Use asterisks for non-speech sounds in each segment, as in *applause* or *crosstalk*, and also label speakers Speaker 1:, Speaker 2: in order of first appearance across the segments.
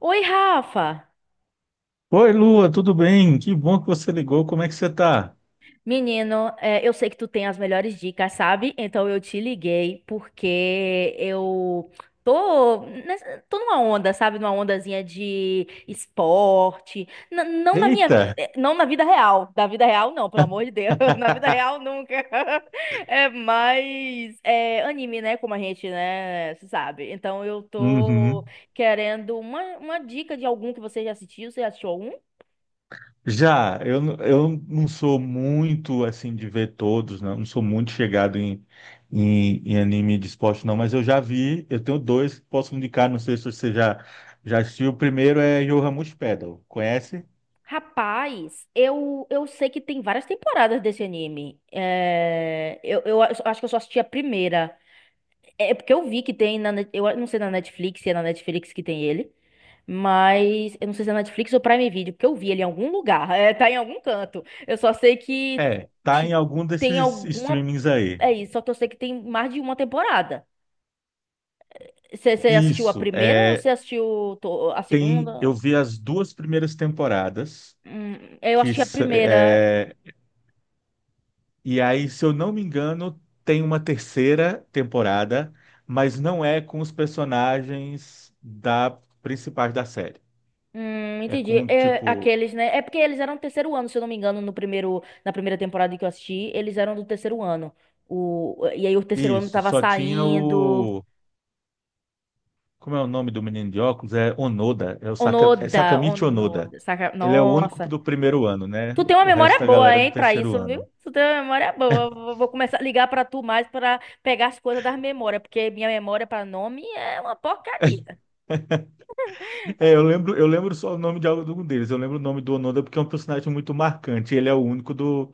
Speaker 1: Oi, Rafa!
Speaker 2: Oi, Lua, tudo bem? Que bom que você ligou. Como é que você tá?
Speaker 1: Menino, eu sei que tu tem as melhores dicas, sabe? Então eu te liguei porque tô numa onda, sabe? Numa ondazinha de esporte. Não na minha,
Speaker 2: Eita!
Speaker 1: não na vida real. Da vida real, não, pelo amor de Deus. *laughs* Na vida real, nunca. *laughs* Anime, né? Como a gente, né, se sabe. Então eu tô
Speaker 2: Uhum.
Speaker 1: querendo uma dica de algum que você já assistiu. Você já assistiu algum?
Speaker 2: Já, eu não sou muito assim de ver todos, não, não sou muito chegado em anime de esporte, não, mas eu já vi, eu tenho dois que posso indicar, não sei se você já assistiu. O primeiro é Yoramushi Pedal, conhece?
Speaker 1: Rapaz, eu sei que tem várias temporadas desse anime. Eu acho que eu só assisti a primeira. É porque eu vi que tem eu não sei na Netflix, se é na Netflix que tem ele, mas eu não sei se é na Netflix ou Prime Video, porque eu vi ele em algum lugar, *laughs* é, tá em algum canto. Eu só sei que
Speaker 2: É, tá em
Speaker 1: te-
Speaker 2: algum
Speaker 1: tem
Speaker 2: desses
Speaker 1: alguma,
Speaker 2: streamings aí.
Speaker 1: é isso, só que eu sei que tem mais de uma temporada. Você assistiu a
Speaker 2: Isso,
Speaker 1: primeira ou você
Speaker 2: é,
Speaker 1: assistiu a
Speaker 2: tem, eu
Speaker 1: segunda?
Speaker 2: vi as duas primeiras temporadas.
Speaker 1: Hum, eu
Speaker 2: que
Speaker 1: assisti a
Speaker 2: s-
Speaker 1: primeira.
Speaker 2: é, E aí, se eu não me engano, tem uma terceira temporada, mas não é com os personagens da principais da série. É
Speaker 1: Entendi.
Speaker 2: com,
Speaker 1: É,
Speaker 2: tipo,
Speaker 1: aqueles, né? É porque eles eram do terceiro ano, se eu não me engano, no primeiro, na primeira temporada que eu assisti, eles eram do terceiro ano. O, e aí o terceiro ano
Speaker 2: isso,
Speaker 1: tava
Speaker 2: só tinha
Speaker 1: saindo.
Speaker 2: o. Como é o nome do menino de óculos? É Onoda, é
Speaker 1: Onoda,
Speaker 2: Sakamichi Onoda.
Speaker 1: Onoda, saca?
Speaker 2: Ele é o único
Speaker 1: Nossa.
Speaker 2: do primeiro ano, né?
Speaker 1: Tu tem uma
Speaker 2: O resto
Speaker 1: memória
Speaker 2: da
Speaker 1: boa,
Speaker 2: galera é
Speaker 1: hein,
Speaker 2: do
Speaker 1: pra
Speaker 2: terceiro
Speaker 1: isso, viu?
Speaker 2: ano.
Speaker 1: Tu tem uma memória boa. Vou começar a ligar pra tu mais pra pegar as coisas das memórias, porque minha memória pra nome é uma porcaria.
Speaker 2: É, eu lembro só o nome de algum deles. Eu lembro o nome do Onoda porque é um personagem muito marcante. Ele é o único do,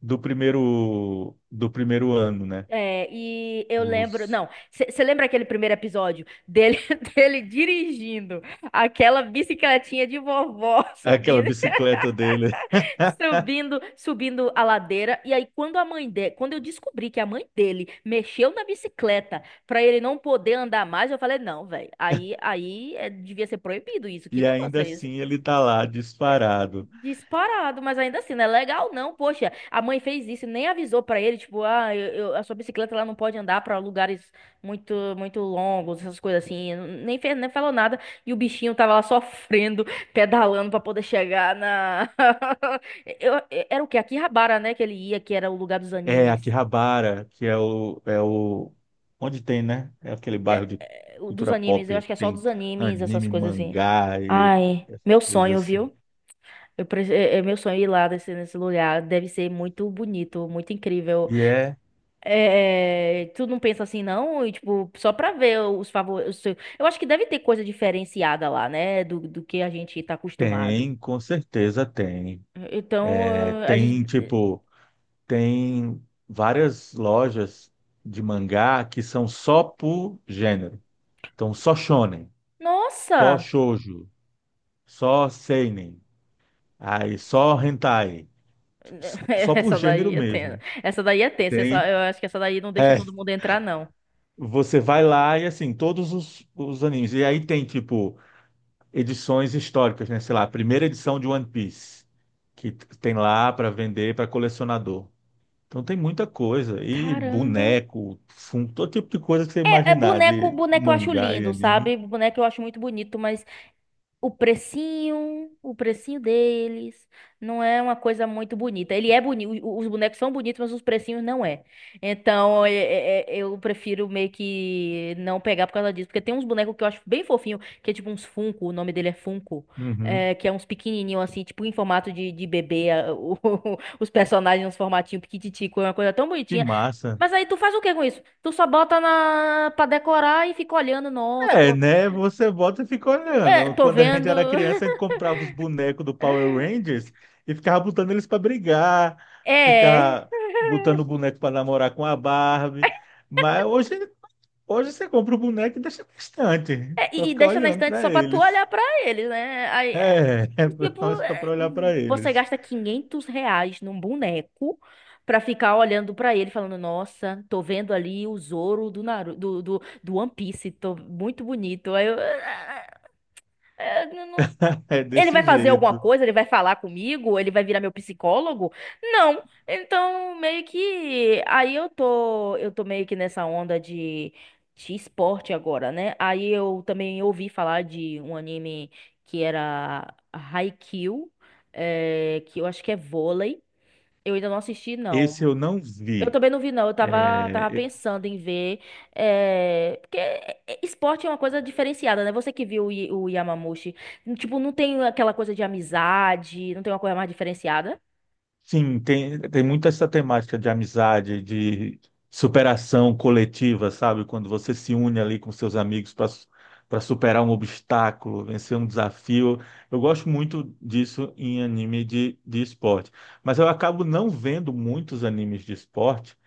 Speaker 2: do primeiro do primeiro ano, né?
Speaker 1: É, e eu lembro,
Speaker 2: Os-
Speaker 1: não, você lembra aquele primeiro episódio dele, *laughs* dele dirigindo aquela bicicletinha de vovó *laughs*
Speaker 2: Aquela
Speaker 1: subindo,
Speaker 2: bicicleta dele.
Speaker 1: subindo a ladeira. E aí, quando a mãe dele, quando eu descobri que a mãe dele mexeu na bicicleta pra ele não poder andar mais, eu falei, não, velho, aí é, devia ser proibido isso. Que
Speaker 2: E
Speaker 1: negócio
Speaker 2: ainda
Speaker 1: é.
Speaker 2: assim ele tá lá disparado.
Speaker 1: Disparado, mas ainda assim, não é legal não. Poxa, a mãe fez isso e nem avisou pra ele, tipo, ah, a sua bicicleta ela não pode andar pra lugares muito muito longos, essas coisas assim. Nem fez, nem falou nada e o bichinho tava lá sofrendo, pedalando pra poder chegar na *laughs* era o quê? Akihabara, né, que ele ia, que era o lugar dos
Speaker 2: É
Speaker 1: animes.
Speaker 2: Akihabara, que é o, é o. Onde tem, né? É aquele bairro de
Speaker 1: É, dos
Speaker 2: cultura
Speaker 1: animes, eu
Speaker 2: pop.
Speaker 1: acho que é só
Speaker 2: Tem
Speaker 1: dos animes, essas
Speaker 2: anime,
Speaker 1: coisas assim.
Speaker 2: mangá e
Speaker 1: Ai,
Speaker 2: essas
Speaker 1: meu
Speaker 2: coisas
Speaker 1: sonho,
Speaker 2: assim.
Speaker 1: viu? É, é meu sonho ir lá desse nesse lugar. Deve ser muito bonito, muito incrível.
Speaker 2: E é.
Speaker 1: É, tu não pensa assim, não? E, tipo, só pra ver os favores. Eu acho que deve ter coisa diferenciada lá, né? Do que a gente tá acostumado.
Speaker 2: Tem, com certeza tem.
Speaker 1: Então,
Speaker 2: É,
Speaker 1: a
Speaker 2: tem,
Speaker 1: gente.
Speaker 2: tipo, tem várias lojas de mangá que são só por gênero. Então, só shonen, só
Speaker 1: Nossa!
Speaker 2: shoujo, só seinen. Aí só hentai,
Speaker 1: *laughs*
Speaker 2: só por
Speaker 1: Essa
Speaker 2: gênero
Speaker 1: daí é tensa.
Speaker 2: mesmo.
Speaker 1: Essa daí é tensa.
Speaker 2: Tem.
Speaker 1: Eu acho que essa daí não deixa
Speaker 2: É,
Speaker 1: todo mundo entrar, não.
Speaker 2: você vai lá e assim, todos os animes. E aí tem, tipo, edições históricas, né? Sei lá, a primeira edição de One Piece, que tem lá para vender para colecionador. Então tem muita coisa. E
Speaker 1: Caramba!
Speaker 2: boneco, fundo, todo tipo de coisa que você imaginar de
Speaker 1: Boneco eu acho
Speaker 2: mangá e
Speaker 1: lindo,
Speaker 2: anime.
Speaker 1: sabe? Boneco eu acho muito bonito, mas o precinho, deles, não é uma coisa muito bonita. Ele é bonito, os bonecos são bonitos, mas os precinhos não é. Então, eu prefiro meio que não pegar por causa disso, porque tem uns bonecos que eu acho bem fofinho, que é tipo uns Funko, o nome dele é Funko,
Speaker 2: Uhum.
Speaker 1: é, que é uns pequenininho assim, tipo em formato de bebê, *laughs* os personagens uns formatinho piquititico, é uma coisa tão
Speaker 2: Que
Speaker 1: bonitinha.
Speaker 2: massa.
Speaker 1: Mas aí tu faz o que com isso? Tu só bota na para decorar e fica olhando, nossa,
Speaker 2: É, né? Você volta e fica
Speaker 1: é,
Speaker 2: olhando.
Speaker 1: tô
Speaker 2: Quando a gente
Speaker 1: vendo.
Speaker 2: era
Speaker 1: *laughs*
Speaker 2: criança, a gente comprava os bonecos do Power Rangers e ficava botando eles para brigar,
Speaker 1: É.
Speaker 2: ficava botando o boneco para namorar com a Barbie. Mas hoje você compra o boneco e deixa bastante para
Speaker 1: E, e
Speaker 2: ficar
Speaker 1: deixa na
Speaker 2: olhando
Speaker 1: estante
Speaker 2: para
Speaker 1: só pra tu
Speaker 2: eles.
Speaker 1: olhar pra eles, né? Aí, é,
Speaker 2: É, *laughs* é
Speaker 1: tipo,
Speaker 2: para
Speaker 1: é,
Speaker 2: olhar para
Speaker 1: você
Speaker 2: eles.
Speaker 1: gasta R$ 500 num boneco pra ficar olhando pra ele, falando: Nossa, tô vendo ali o Zoro do, Naru do One Piece, tô muito bonito. Aí eu.
Speaker 2: *laughs* É
Speaker 1: Ele
Speaker 2: desse
Speaker 1: vai fazer alguma
Speaker 2: jeito.
Speaker 1: coisa? Ele vai falar comigo? Ele vai virar meu psicólogo? Não. Então, meio que aí eu tô meio que nessa onda de esporte agora, né? Aí eu também ouvi falar de um anime que era Haikyuu, que eu acho que é vôlei. Eu ainda não assisti,
Speaker 2: Esse
Speaker 1: não,
Speaker 2: eu não
Speaker 1: eu
Speaker 2: vi.
Speaker 1: também não vi, não. Eu tava
Speaker 2: É,
Speaker 1: pensando em ver. Porque esporte é uma coisa diferenciada, né? Você que viu o Yamamushi. Tipo, não tem aquela coisa de amizade, não tem uma coisa mais diferenciada
Speaker 2: sim, tem muito essa temática de amizade, de superação coletiva, sabe? Quando você se une ali com seus amigos para superar um obstáculo, vencer um desafio. Eu gosto muito disso em anime de esporte. Mas eu acabo não vendo muitos animes de esporte,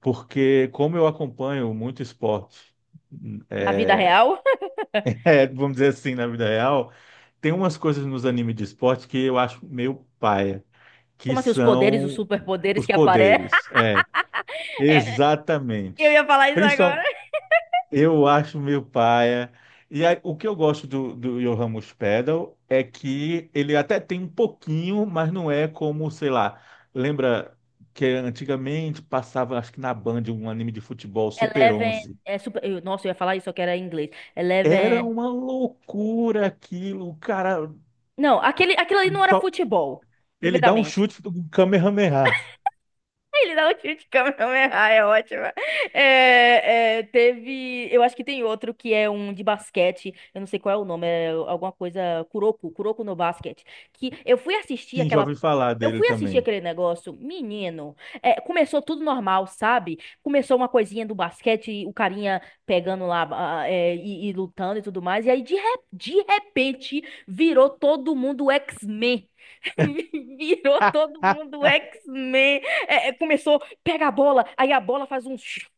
Speaker 2: porque como eu acompanho muito esporte, *laughs*
Speaker 1: na vida real. *laughs*
Speaker 2: é, vamos dizer assim, na vida real, tem umas coisas nos animes de esporte que eu acho meio paia que
Speaker 1: Como assim, os poderes, os
Speaker 2: são
Speaker 1: superpoderes
Speaker 2: os
Speaker 1: que aparecem?
Speaker 2: poderes.
Speaker 1: *laughs*
Speaker 2: É,
Speaker 1: É, eu
Speaker 2: exatamente.
Speaker 1: ia falar isso agora.
Speaker 2: Principalmente, eu acho meio paia. E aí, o que eu gosto do Johan Muspedal é que ele até tem um pouquinho, mas não é como, sei lá, lembra que antigamente passava, acho que na Band, um anime de futebol, Super
Speaker 1: Eleven.
Speaker 2: 11.
Speaker 1: Nossa, eu ia falar isso, só que era em inglês.
Speaker 2: Era
Speaker 1: Eleven.
Speaker 2: uma loucura aquilo, o cara.
Speaker 1: Não, aquele, aquilo ali não era
Speaker 2: Só,
Speaker 1: futebol,
Speaker 2: ele dá um
Speaker 1: primeiramente.
Speaker 2: chute do um Kamehameha.
Speaker 1: Ele dá um tiro de Kamehameha, é ótima. Teve. Eu acho que tem outro que é um de basquete. Eu não sei qual é o nome, é alguma coisa. Kuroko, Kuroko no basquete. Que eu fui assistir
Speaker 2: Sim, já
Speaker 1: aquela.
Speaker 2: ouvi falar
Speaker 1: Eu
Speaker 2: dele
Speaker 1: fui assistir
Speaker 2: também.
Speaker 1: aquele negócio, menino. É, começou tudo normal, sabe? Começou uma coisinha do basquete, o carinha pegando lá, ah, e lutando e tudo mais. E aí, de repente, virou todo mundo X-Men. *laughs* Virou todo
Speaker 2: *laughs*
Speaker 1: mundo X-Men. Começou, pega a bola, aí a bola faz uns,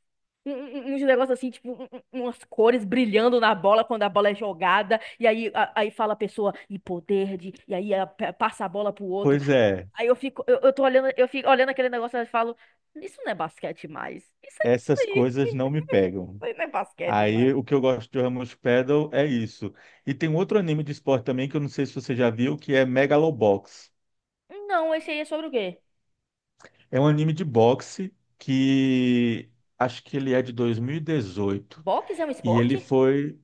Speaker 1: uns negócios assim, tipo, umas cores brilhando na bola quando a bola é jogada. E aí, aí fala a pessoa, e poder de. E aí passa a bola pro outro.
Speaker 2: Pois é.
Speaker 1: Aí eu fico, eu tô olhando, eu fico olhando aquele negócio e falo, isso não é basquete mais. Isso é isso
Speaker 2: Essas
Speaker 1: aí.
Speaker 2: coisas
Speaker 1: Isso
Speaker 2: não me pegam.
Speaker 1: aí não é basquete mais.
Speaker 2: Aí o que eu gosto de Ramos Paddle é isso. E tem um outro anime de esporte também que eu não sei se você já viu, que é Megalobox.
Speaker 1: Não, esse aí é sobre o quê?
Speaker 2: É um anime de boxe que acho que ele é de 2018
Speaker 1: Boxe é um
Speaker 2: e dezoito. E ele
Speaker 1: esporte?
Speaker 2: foi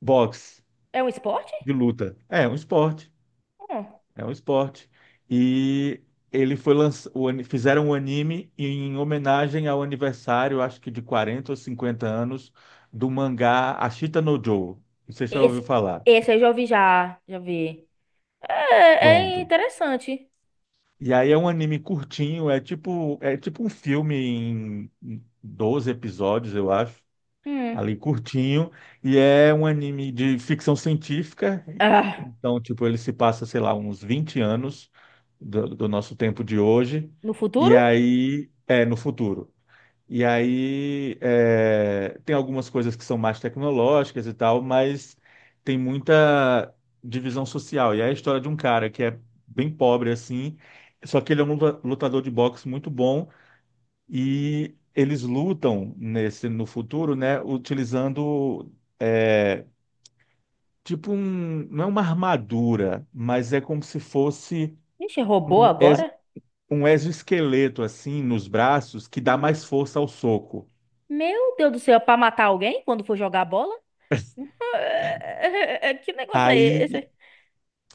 Speaker 2: boxe
Speaker 1: É um esporte?
Speaker 2: de luta. É, um esporte.
Speaker 1: Hum.
Speaker 2: É um esporte. E ele foi lanç o ani- fizeram um anime em homenagem ao aniversário, acho que de 40 ou 50 anos, do mangá Ashita no Joe. Não sei se você já
Speaker 1: Esse,
Speaker 2: ouviu falar.
Speaker 1: esse eu já ouvi já. Já vi. É, é
Speaker 2: Pronto.
Speaker 1: interessante.
Speaker 2: E aí é um anime curtinho, é tipo um filme em 12 episódios, eu acho.
Speaker 1: Hum.
Speaker 2: Ali curtinho, e é um anime de ficção científica.
Speaker 1: Ah,
Speaker 2: Então, tipo, ele se passa, sei lá, uns 20 anos do nosso tempo de hoje,
Speaker 1: no futuro?
Speaker 2: e aí é no futuro. E aí é, tem algumas coisas que são mais tecnológicas e tal, mas tem muita divisão social. E é a história de um cara que é bem pobre assim, só que ele é um lutador de boxe muito bom e eles lutam nesse no futuro, né, utilizando é, tipo um, não é uma armadura, mas é como se fosse
Speaker 1: Ixi, robô
Speaker 2: um, exo-
Speaker 1: agora?
Speaker 2: um exoesqueleto assim nos braços que dá mais
Speaker 1: Hum.
Speaker 2: força ao soco.
Speaker 1: Meu Deus do céu, é pra matar alguém quando for jogar bola? *laughs* Que negócio é
Speaker 2: Aí
Speaker 1: esse?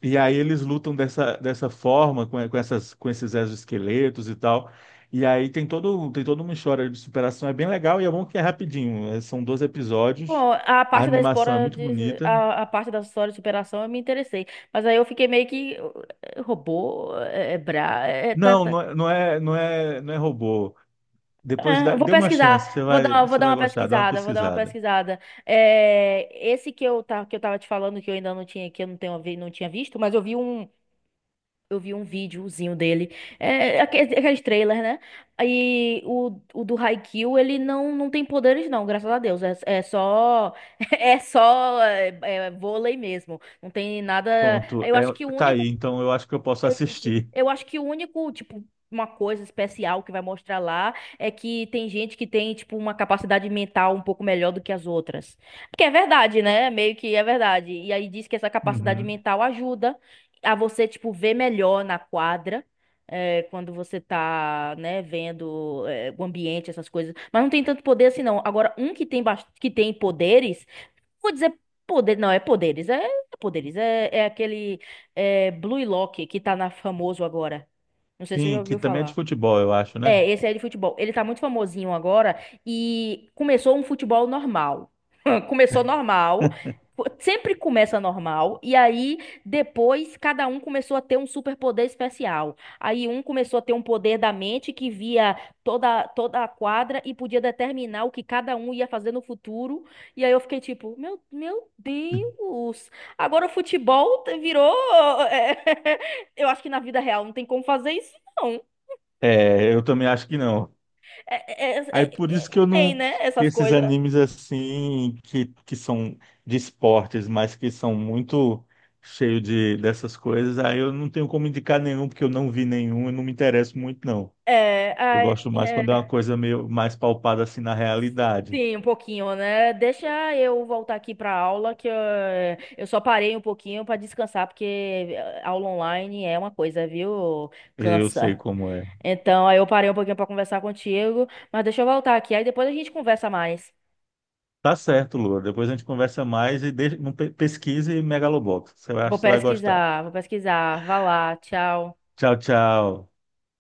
Speaker 2: e aí eles lutam dessa forma com esses exoesqueletos e tal. E aí tem todo tem toda uma história de superação, é bem legal e é bom que é rapidinho, são 12 episódios.
Speaker 1: Bom, a
Speaker 2: A
Speaker 1: parte da
Speaker 2: animação é
Speaker 1: história
Speaker 2: muito bonita.
Speaker 1: a parte da história de superação eu me interessei, mas aí eu fiquei meio que robô,
Speaker 2: Não,
Speaker 1: tá.
Speaker 2: não é robô. Depois
Speaker 1: É,
Speaker 2: dá,
Speaker 1: eu vou
Speaker 2: dê uma chance, você
Speaker 1: pesquisar,
Speaker 2: vai,
Speaker 1: vou
Speaker 2: você
Speaker 1: dar
Speaker 2: vai
Speaker 1: uma
Speaker 2: gostar, dá uma
Speaker 1: pesquisada, vou dar uma
Speaker 2: pesquisada.
Speaker 1: pesquisada. É, esse que que eu tava te falando que eu ainda não tinha, que eu não tenho, não tinha visto, mas eu vi um videozinho dele, é, aqueles, aqueles trailers, né? Aí o do Haikyuu, ele não, não tem poderes não, graças a Deus, é, é só, *laughs* é só é, vôlei mesmo, não tem nada,
Speaker 2: Pronto,
Speaker 1: eu
Speaker 2: é,
Speaker 1: acho que o
Speaker 2: tá
Speaker 1: único
Speaker 2: aí, então eu acho que eu posso
Speaker 1: é isso.
Speaker 2: assistir.
Speaker 1: Eu acho que o único, tipo, uma coisa especial que vai mostrar lá é que tem gente que tem, tipo, uma capacidade mental um pouco melhor do que as outras. Porque é verdade, né? Meio que é verdade. E aí diz que essa capacidade
Speaker 2: Uhum.
Speaker 1: mental ajuda a você, tipo, ver melhor na quadra. É, quando você tá, né, vendo, é, o ambiente, essas coisas. Mas não tem tanto poder assim, não. Agora, um que tem, que tem poderes. Vou dizer poder, não, é poderes, é aquele é, Blue Lock que tá na famoso agora. Não sei se você já
Speaker 2: Sim, que
Speaker 1: ouviu
Speaker 2: também é de
Speaker 1: falar.
Speaker 2: futebol, eu acho, né?
Speaker 1: É, esse é de futebol. Ele tá muito famosinho agora e começou um futebol normal. *laughs* Começou normal, sempre começa normal, e aí depois cada um começou a ter um superpoder especial. Aí um começou a ter um poder da mente que via toda, toda a quadra e podia determinar o que cada um ia fazer no futuro. E aí eu fiquei tipo, meu Deus! Agora o futebol virou. *laughs* Eu acho que na vida real não tem como fazer isso. não.
Speaker 2: É, eu também acho que não. Aí por isso que
Speaker 1: Não
Speaker 2: eu
Speaker 1: tem,
Speaker 2: não,
Speaker 1: né?
Speaker 2: que,
Speaker 1: Essas
Speaker 2: esses
Speaker 1: coisas.
Speaker 2: animes assim, que são de esportes, mas que são muito cheios dessas coisas, aí eu não tenho como indicar nenhum, porque eu não vi nenhum, eu não me interesso muito, não.
Speaker 1: É,
Speaker 2: Eu
Speaker 1: ai,
Speaker 2: gosto mais quando é
Speaker 1: é,
Speaker 2: uma coisa meio mais palpada assim na realidade.
Speaker 1: sim, um pouquinho, né? Deixa eu voltar aqui pra aula, eu só parei um pouquinho pra descansar, porque aula online é uma coisa, viu?
Speaker 2: Eu sei
Speaker 1: Cansa.
Speaker 2: como é.
Speaker 1: Então, aí eu parei um pouquinho pra conversar contigo, mas deixa eu voltar aqui, aí depois a gente conversa mais.
Speaker 2: Tá certo, Lua. Depois a gente conversa mais e deixa, não pesquise Megalobox. Você vai,
Speaker 1: Vou
Speaker 2: você vai gostar.
Speaker 1: pesquisar, vou pesquisar. Vá lá, tchau.
Speaker 2: Tchau, tchau.